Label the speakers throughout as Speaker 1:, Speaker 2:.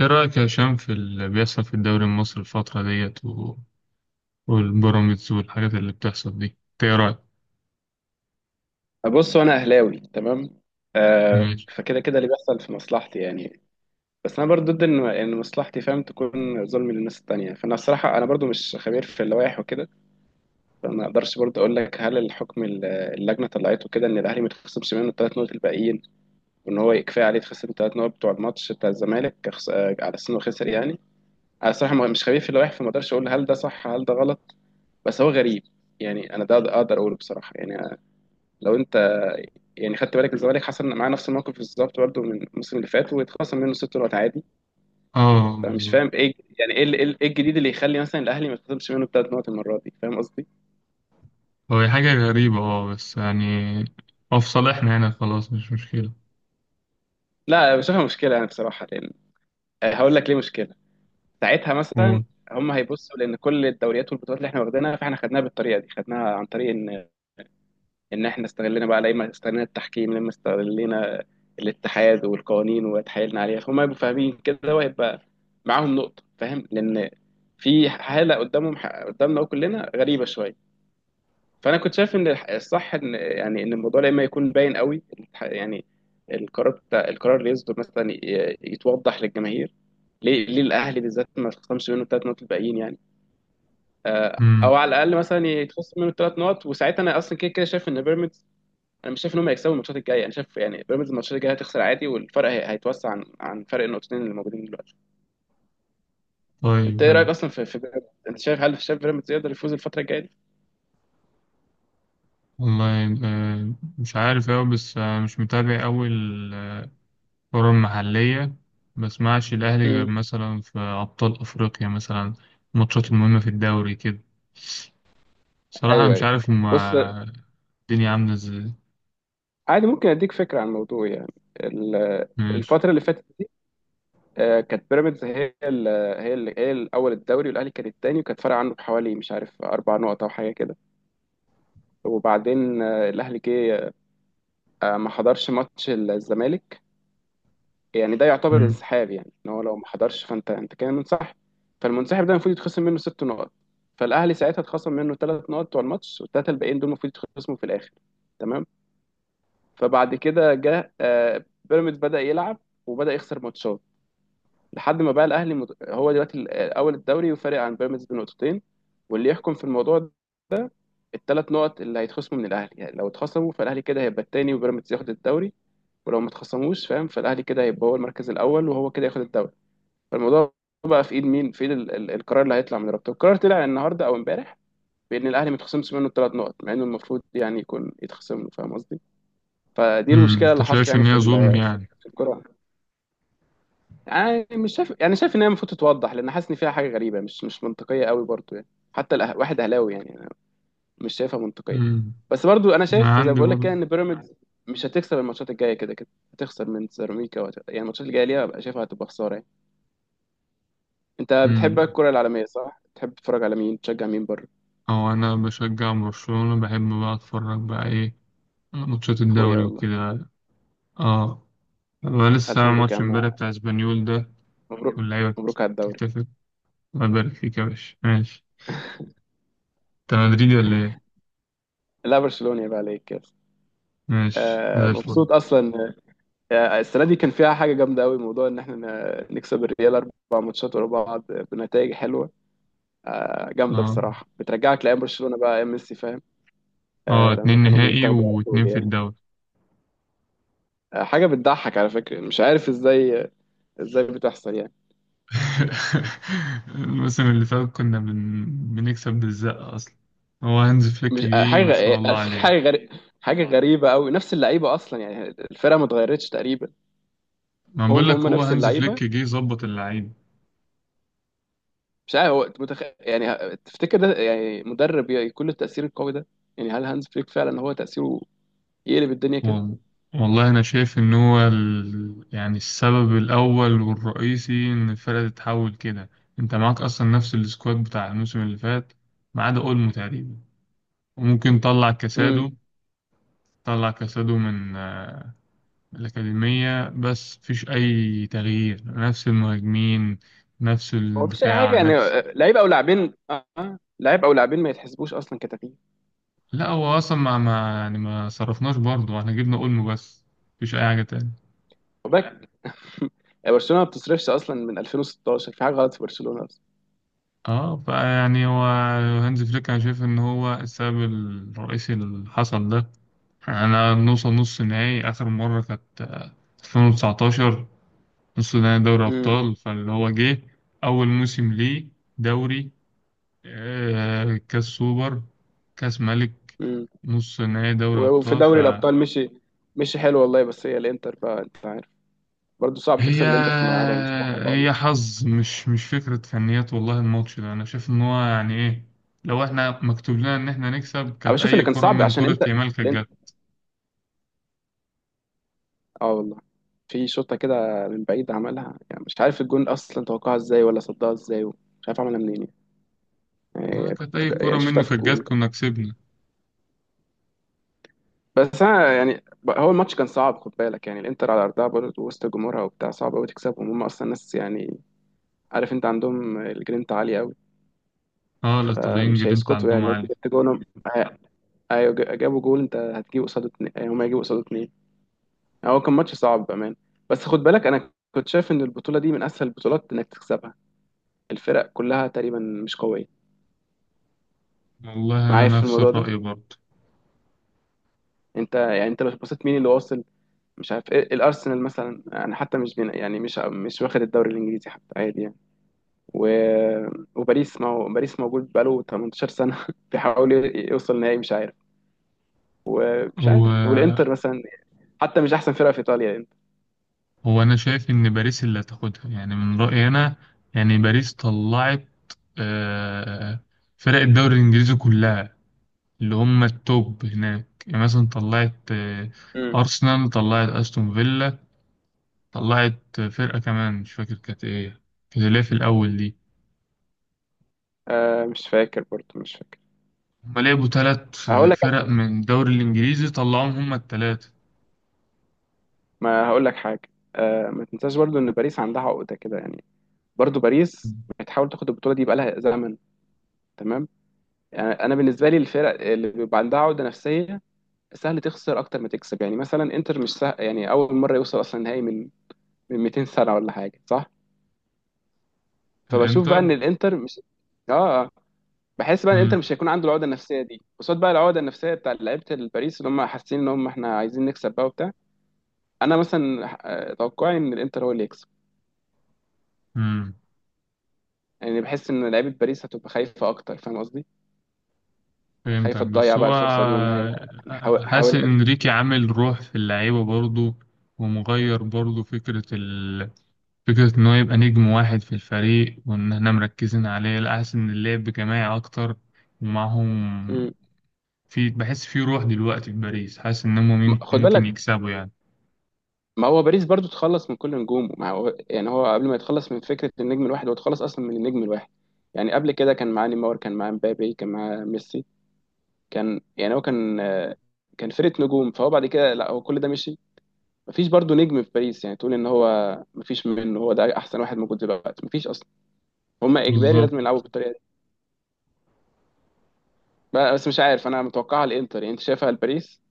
Speaker 1: ايه رأيك يا هشام في اللي بيحصل في الدوري المصري الفترة ديت والبيراميدز والحاجات اللي بتحصل دي، إنت ايه رأيك؟
Speaker 2: بص، انا اهلاوي. تمام. آه،
Speaker 1: ماشي.
Speaker 2: فكده كده اللي بيحصل في مصلحتي يعني. بس انا برضو ضد ان مصلحتي فاهم تكون ظلم للناس التانية. فانا الصراحه انا برضو مش خبير في اللوائح وكده. فما اقدرش برضو اقول لك هل الحكم اللجنه طلعته كده ان الاهلي ما يتخصمش منه الثلاث نقط الباقيين، وان هو كفايه عليه يتخصم الثلاث نقط بتوع الماتش بتاع الزمالك على اساس انه خسر يعني. انا الصراحه مش خبير في اللوائح، فما اقدرش اقول هل ده صح هل ده غلط. بس هو غريب يعني. انا ده اقدر اقوله بصراحه يعني. لو انت يعني خدت بالك، الزمالك حصل معاه نفس الموقف بالظبط برضه من الموسم اللي فات، واتخصم منه ست نقط عادي.
Speaker 1: اه،
Speaker 2: فمش
Speaker 1: بالظبط.
Speaker 2: فاهم ايه يعني. ايه إيه الجديد اللي يخلي مثلا الاهلي ما يتخصمش منه ثلاث نقط المره دي؟ فاهم قصدي؟
Speaker 1: هو هي حاجة غريبة، اه بس يعني هو في صالحنا هنا، خلاص مش مشكلة.
Speaker 2: لا، بشوفها مشكله يعني بصراحه، لان هقول لك ليه مشكله. ساعتها
Speaker 1: و...
Speaker 2: مثلا هم هيبصوا، لان كل الدوريات والبطولات اللي احنا واخدينها فاحنا خدناها بالطريقه دي، خدناها عن طريق ان احنا استغلنا بقى، لما استغلنا التحكيم، لما استغلنا الاتحاد والقوانين وتحايلنا عليها. فهم هيبقوا فاهمين كده، وهيبقى معاهم نقطة، فاهم، لان في حالة قدامهم، قدامنا كلنا، غريبة شوية. فانا كنت شايف ان الصح ان يعني ان الموضوع لما يكون باين قوي، يعني القرار بتاع، القرار اللي يصدر مثلا، يتوضح للجماهير ليه، ليه الاهلي بالذات ما تخصمش منه الثلاث نقط الباقيين يعني.
Speaker 1: مم.
Speaker 2: او على الاقل مثلا يتخصم منه الثلاث نقط، وساعتها انا اصلا كده كده شايف ان بيراميدز، انا مش شايف ان هم هيكسبوا الماتشات الجايه. انا شايف يعني بيراميدز الماتشات الجايه هتخسر عادي، والفرق هيتوسع عن فرق النقطتين اللي موجودين دلوقتي. انت
Speaker 1: طيب،
Speaker 2: ايه رايك
Speaker 1: حلو.
Speaker 2: اصلا في بيراميدز؟ انت شايف، هل شايف بيراميدز يقدر يفوز الفتره الجايه دي؟
Speaker 1: والله مش عارف أوي، بس مش متابع أوي الكرة المحلية. بسمعش الأهلي غير
Speaker 2: امم
Speaker 1: مثلا في أبطال أفريقيا مثلا، الماتشات المهمة في الدوري كده. صراحة أنا
Speaker 2: ايوه،
Speaker 1: مش
Speaker 2: ايوه.
Speaker 1: عارف
Speaker 2: بص،
Speaker 1: هما الدنيا عاملة ازاي.
Speaker 2: عادي، ممكن اديك فكره عن الموضوع يعني.
Speaker 1: ماشي.
Speaker 2: الفتره اللي فاتت دي، كانت بيراميدز هي ال هي ال هي الاول الدوري، والاهلي كان الثاني، وكانت فارقه عنه بحوالي مش عارف اربع نقط او حاجه كده. وبعدين الاهلي جه ما حضرش ماتش الزمالك. يعني ده يعتبر
Speaker 1: مم.
Speaker 2: انسحاب، يعني ان هو لو ما حضرش فانت كده منسحب. فالمنسحب ده المفروض يتخصم منه ست نقط. فالاهلي ساعتها اتخصم منه ثلاث نقط بتوع الماتش، والثلاثه الباقيين دول المفروض يتخصموا في الاخر. تمام. فبعد كده جه بيراميدز بدا يلعب، وبدا يخسر ماتشات، لحد ما بقى الاهلي هو دلوقتي اول الدوري، وفارق عن بيراميدز بنقطتين. واللي يحكم في الموضوع ده، الثلاث نقط اللي هيتخصموا من الاهلي. يعني لو اتخصموا فالاهلي كده هيبقى الثاني وبيراميدز ياخد الدوري، ولو ما اتخصموش، فاهم، فالاهلي كده هيبقى هو المركز الاول وهو كده ياخد الدوري. فالموضوع بقى في ايد مين؟ في ايد القرار اللي هيطلع من رابطه. القرار طلع النهارده او امبارح بان الاهلي ما يتخصمش منه الثلاث نقط، مع انه المفروض يعني يكون يتخصم له، فاهم قصدي؟ فدي
Speaker 1: مم.
Speaker 2: المشكله
Speaker 1: انت
Speaker 2: اللي حاصله
Speaker 1: شايف
Speaker 2: يعني
Speaker 1: ان
Speaker 2: في
Speaker 1: هي ظلم يعني.
Speaker 2: في الكوره. يعني مش شايف، يعني شايف ان هي المفروض تتوضح، لان حاسس ان فيها حاجه غريبه، مش منطقيه قوي برضو يعني. حتى واحد اهلاوي يعني، أنا مش شايفها منطقيه.
Speaker 1: مم.
Speaker 2: بس برضو انا
Speaker 1: انا
Speaker 2: شايف زي ما
Speaker 1: عندي
Speaker 2: بقول لك
Speaker 1: برضه.
Speaker 2: كده، ان بيراميدز مش هتكسب الماتشات الجايه كده كده. هتخسر من سيراميكا، يعني الماتشات الجايه ليها بقى شايفها هتبقى خساره يعني. انت بتحب
Speaker 1: مم.
Speaker 2: الكرة العالمية صح؟ بتحب تتفرج على مين؟ تشجع مين بره؟
Speaker 1: او انا بشجع برشلونة، بحب بقى اتفرج بقى ايه، ماتشات
Speaker 2: اخويا
Speaker 1: الدوري
Speaker 2: والله.
Speaker 1: وكده. اه. هو لسه
Speaker 2: الف
Speaker 1: عامل
Speaker 2: مبروك يا
Speaker 1: ماتش امبارح
Speaker 2: عم،
Speaker 1: بتاع اسبانيول ده،
Speaker 2: مبروك،
Speaker 1: واللعيبة
Speaker 2: مبروك على الدوري.
Speaker 1: بتحتفل. الله يبارك فيك يا باشا. ماشي. انت مدريدي ولا ايه؟
Speaker 2: لا، برشلونة يبقى عليك كده.
Speaker 1: ماشي
Speaker 2: آه،
Speaker 1: زي الفل.
Speaker 2: مبسوط اصلا. آه، السنة دي كان فيها حاجة جامدة قوي، موضوع ان احنا نكسب الريال اربع ماتشات ورا بعض بنتائج حلوة. آه، جامدة
Speaker 1: اه.
Speaker 2: بصراحة، بترجعك لايام برشلونة بقى، ايام ميسي، فاهم؟
Speaker 1: اه،
Speaker 2: آه،
Speaker 1: اتنين
Speaker 2: لما كانوا
Speaker 1: نهائي
Speaker 2: بيتاخدوا على
Speaker 1: و2
Speaker 2: طول
Speaker 1: في
Speaker 2: يعني.
Speaker 1: الدوري.
Speaker 2: آه، حاجة بتضحك على فكرة، مش عارف ازاي، ازاي بتحصل يعني.
Speaker 1: الموسم اللي فات كنا بنكسب بالزقة أصلا. هو هانز فليك
Speaker 2: مش آه،
Speaker 1: جه،
Speaker 2: حاجه
Speaker 1: ما
Speaker 2: غ-
Speaker 1: شاء
Speaker 2: إيه،
Speaker 1: الله
Speaker 2: حاجه
Speaker 1: عليه.
Speaker 2: غريبه، حاجه غريبه قوي. نفس اللعيبه اصلا يعني، الفرقه ما اتغيرتش تقريبا.
Speaker 1: ما بقول
Speaker 2: هم
Speaker 1: لك هو
Speaker 2: نفس
Speaker 1: هانز
Speaker 2: اللعيبه.
Speaker 1: فليك جه ظبط اللعيب.
Speaker 2: مش عارف هو يعني تفتكر ده يعني، مدرب يكون له التاثير القوي ده؟ يعني هل هانز فليك فعلا هو تاثيره يقلب الدنيا كده؟
Speaker 1: وال- والله أنا شايف إن هو يعني السبب الأول والرئيسي إن الفرقة تتحول كده. أنت معاك أصلا نفس السكواد بتاع الموسم اللي فات ما عدا أولمو تقريبا، وممكن طلع
Speaker 2: امم
Speaker 1: كاسادو طلع كاسادو من الأكاديمية، بس مفيش أي تغيير. نفس المهاجمين، نفس
Speaker 2: هو مفيش اي حاجه
Speaker 1: الدفاع،
Speaker 2: يعني،
Speaker 1: نفس.
Speaker 2: لعيب او لاعبين، لعيب او لاعبين ما يتحسبوش اصلا كتغيير.
Speaker 1: لا هو أصلا ما يعني ما صرفناش برضه، احنا جبنا أولمو بس. مفيش أي حاجة تاني.
Speaker 2: خد بالك. برشلونه ما بتصرفش اصلا من 2016، في حاجه غلط في برشلونه اصلا.
Speaker 1: اه فيعني هو هانز فليك أنا شايف إن هو السبب الرئيسي اللي حصل ده. أنا نوصل نص نهائي آخر مرة كانت 2019. نص نهائي دوري
Speaker 2: امم
Speaker 1: أبطال، فاللي هو جه أول موسم ليه دوري، كاس سوبر، كاس ملك،
Speaker 2: امم
Speaker 1: نص نهائي دوري
Speaker 2: وفي
Speaker 1: أبطال.
Speaker 2: دوري
Speaker 1: فهي
Speaker 2: الابطال مشي، مشي حلو والله. بس هي الانتر بقى، انت عارف، برضه صعب تكسب الانتر في ملعبها، مش سهل
Speaker 1: هي
Speaker 2: خالص.
Speaker 1: حظ، مش فكرة فنيات. والله الماتش ده أنا شايف إن هو يعني إيه، لو إحنا مكتوب لنا إن إحنا نكسب
Speaker 2: انا
Speaker 1: كانت
Speaker 2: بشوف ان
Speaker 1: أي
Speaker 2: كان
Speaker 1: كرة
Speaker 2: صعب،
Speaker 1: من
Speaker 2: عشان
Speaker 1: كرة
Speaker 2: انت
Speaker 1: يامال كانت
Speaker 2: الانتر،
Speaker 1: جت.
Speaker 2: اه والله، في شوطه كده من بعيد عملها، يعني مش عارف الجون اصلا توقعها ازاي ولا صدها ازاي، مش عارف عملها منين.
Speaker 1: كانت
Speaker 2: كنت
Speaker 1: أي كرة
Speaker 2: يعني شفتها
Speaker 1: منه
Speaker 2: في
Speaker 1: كانت
Speaker 2: الجون.
Speaker 1: جت كنا كسبنا.
Speaker 2: بس انا يعني هو الماتش كان صعب، خد بالك، يعني الانتر على ارضها برضه وسط جمهورها وبتاع، صعب قوي تكسبهم، هم اصلا ناس يعني، عارف، انت عندهم الجرينتا عاليه قوي.
Speaker 1: أه الإيطاليين
Speaker 2: مش
Speaker 1: جرينتا
Speaker 2: هيسكتوا
Speaker 1: عندهم
Speaker 2: يعني لو انت
Speaker 1: عالي.
Speaker 2: جبت جونهم. آه، ايوه، جابوا جول، انت هتجيب قصاده اتنين، يعني هم هيجيبوا قصاده اتنين. هو كان ماتش صعب بأمان. بس خد بالك أنا كنت شايف إن البطولة دي من أسهل البطولات إنك تكسبها، الفرق كلها تقريبا مش قوية.
Speaker 1: والله أنا
Speaker 2: معايا في
Speaker 1: نفس
Speaker 2: الموضوع ده،
Speaker 1: الرأي برضه.
Speaker 2: أنت يعني أنت لو بصيت مين اللي واصل؟ مش عارف إيه، الأرسنال مثلا يعني حتى مش بين، يعني مش مش واخد الدوري الإنجليزي حتى عادي يعني. و... وباريس، ما هو باريس موجود بقاله 18 سنة بيحاول يوصل نهائي، مش عارف. ومش
Speaker 1: هو
Speaker 2: عارف، والإنتر مثلا حتى مش أحسن فرقة في إيطاليا الإنتر.
Speaker 1: هو انا شايف ان باريس اللي هتاخدها، يعني من رايي انا. يعني باريس طلعت آه، فرق الدوري الانجليزي كلها، اللي هم التوب هناك. يعني مثلا طلعت
Speaker 2: مم.
Speaker 1: ارسنال، طلعت استون فيلا، طلعت فرقه كمان مش فاكر كانت ايه، كانت اللي هي في الاول دي.
Speaker 2: آه، مش فاكر برضه، مش فاكر.
Speaker 1: هم لعبوا 3
Speaker 2: هقول
Speaker 1: فرق من الدوري الانجليزي طلعوهم، هم الثلاثه.
Speaker 2: ما هقول لك حاجه. آه، ما تنساش برضو ان باريس عندها عقده كده يعني، برضو باريس بتحاول تاخد البطوله دي بقالها زمن، تمام؟ يعني انا بالنسبه لي الفرق اللي بيبقى عندها عقده نفسيه سهل تخسر اكتر ما تكسب. يعني مثلا انتر مش سهل، يعني اول مره يوصل اصلا نهائي من 200 سنه ولا حاجه، صح؟ فبشوف بقى
Speaker 1: الانتر.
Speaker 2: ان الانتر مش، اه، آه. بحس بقى ان الانتر
Speaker 1: مم.
Speaker 2: مش هيكون عنده العقده النفسيه دي، قصاد بقى العقده النفسيه بتاع لعيبه الباريس اللي هم حاسين ان هم احنا عايزين نكسب بقى وبتاع. انا مثلا توقعي ان الانتر هو اللي يكسب،
Speaker 1: مم.
Speaker 2: يعني بحس ان لعيبه باريس هتبقى خايفه اكتر، فاهم قصدي؟
Speaker 1: فهمتك،
Speaker 2: خايفه
Speaker 1: بس
Speaker 2: تضيع بقى
Speaker 1: هو
Speaker 2: الفرصه دي، وان هي
Speaker 1: حاسس
Speaker 2: حاولنا
Speaker 1: ان
Speaker 2: كتير.
Speaker 1: انريكي عامل روح في اللعيبه برضه، ومغير برضه فكره فكره ان هو يبقى نجم واحد في الفريق وان احنا مركزين عليه. لا، حاسس ان اللعب جماعي اكتر ومعاهم.
Speaker 2: مم.
Speaker 1: في، بحس في روح دلوقتي في باريس، حاسس ان هم
Speaker 2: خد
Speaker 1: ممكن
Speaker 2: بالك،
Speaker 1: يكسبوا يعني.
Speaker 2: ما هو باريس برضو اتخلص من كل نجومه، ما هو يعني هو قبل ما يتخلص من فكره النجم الواحد هو اتخلص اصلا من النجم الواحد. يعني قبل كده كان معاه نيمار، كان معاه مبابي، كان معاه ميسي، كان يعني هو كان كان فرقه نجوم. فهو بعد كده، لا، هو كل ده مشي. مفيش برضو نجم في باريس يعني تقول ان هو، مفيش منه، هو ده احسن واحد موجود دلوقتي، مفيش اصلا. هما اجباري
Speaker 1: بالظبط.
Speaker 2: لازم يلعبوا بالطريقه. بس مش عارف، انا متوقعها الانتر يعني، انت شايفها لباريس.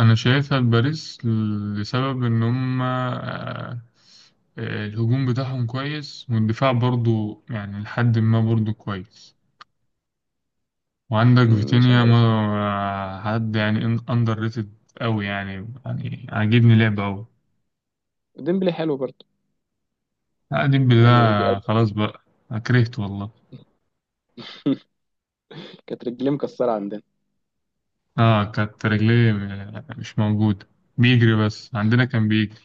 Speaker 1: انا شايفها باريس، لسبب ان هم الهجوم بتاعهم كويس، والدفاع برضه يعني لحد ما برضه كويس. وعندك
Speaker 2: مم، مش
Speaker 1: فيتينيا، ما
Speaker 2: عارف.
Speaker 1: حد يعني اندر ريتد قوي يعني عاجبني لعبه قوي.
Speaker 2: ديمبلي حلو برضه
Speaker 1: قاعدين
Speaker 2: يعني،
Speaker 1: بالله
Speaker 2: بيقدم.
Speaker 1: خلاص بقى. أنا كرهت والله.
Speaker 2: كانت رجليه مكسره عندنا.
Speaker 1: اه كانت رجليه مش موجوده، بيجري بس، عندنا كان بيجري.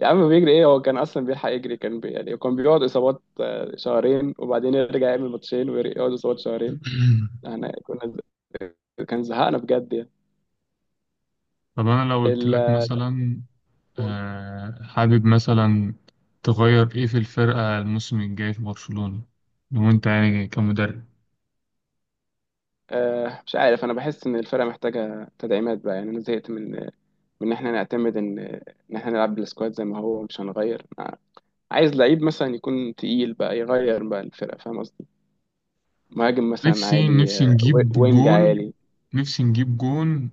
Speaker 2: يا عم بيجري ايه، هو كان اصلا بيلحق يجري؟ كان يعني كان بيقعد اصابات شهرين، وبعدين يرجع يعمل ماتشين ويقعد اصابات شهرين. احنا كنا كان زهقنا بجد يعني.
Speaker 1: طب انا لو قلت
Speaker 2: ال...
Speaker 1: لك مثلا حابب مثلا تغير ايه في الفرقه الموسم الجاي في برشلونه لو انت يعني كمدرب؟
Speaker 2: آه، مش عارف، انا بحس ان الفرقه محتاجه تدعيمات بقى يعني. انا زهقت من ان احنا نعتمد ان احنا نلعب بالسكواد زي ما هو، مش هنغير. عايز لعيب مثلا يكون تقيل بقى يغير بقى الفرقة، فاهم قصدي؟ مهاجم مثلا
Speaker 1: نفسي،
Speaker 2: عالي،
Speaker 1: نفسي نجيب
Speaker 2: وينج
Speaker 1: جون.
Speaker 2: عالي.
Speaker 1: نفسي نجيب جون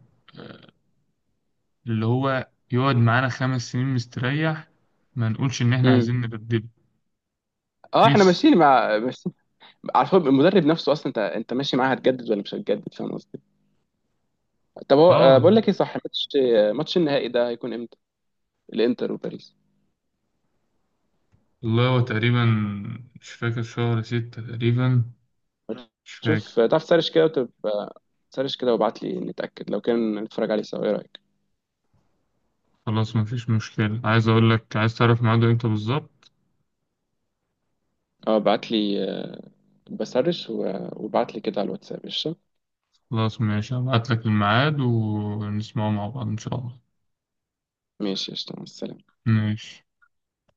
Speaker 1: اللي هو يقعد معانا 5 سنين مستريح، ما نقولش إن إحنا
Speaker 2: امم
Speaker 1: عايزين نبدله.
Speaker 2: اه، احنا
Speaker 1: نفسي.
Speaker 2: ماشيين مع بس. على فكرة المدرب نفسه اصلا، انت ماشي معاه، هتجدد ولا مش هتجدد، فاهم قصدي؟ طب هو،
Speaker 1: آه
Speaker 2: بقول لك ايه، صح، ماتش، ماتش النهائي ده هيكون امتى؟ الانتر وباريس.
Speaker 1: والله هو تقريبا، مش فاكر، شهر 6 تقريبا، مش فاكر.
Speaker 2: شوف تعرف تسرش كده وتبقى، سرش كده وابعت لي، نتأكد لو كان نتفرج عليه سوا، ايه رأيك؟
Speaker 1: خلاص مفيش مشكلة، عايز أقول لك عايز تعرف ميعاده إمتى بالظبط.
Speaker 2: اه، ابعت لي، بسرش وابعت لي كده على الواتساب، قشطة.
Speaker 1: خلاص ماشي، هبعت لك الميعاد ونسمعه مع بعض إن شاء الله.
Speaker 2: ماشي، قشطة، مع السلامة.
Speaker 1: ماشي.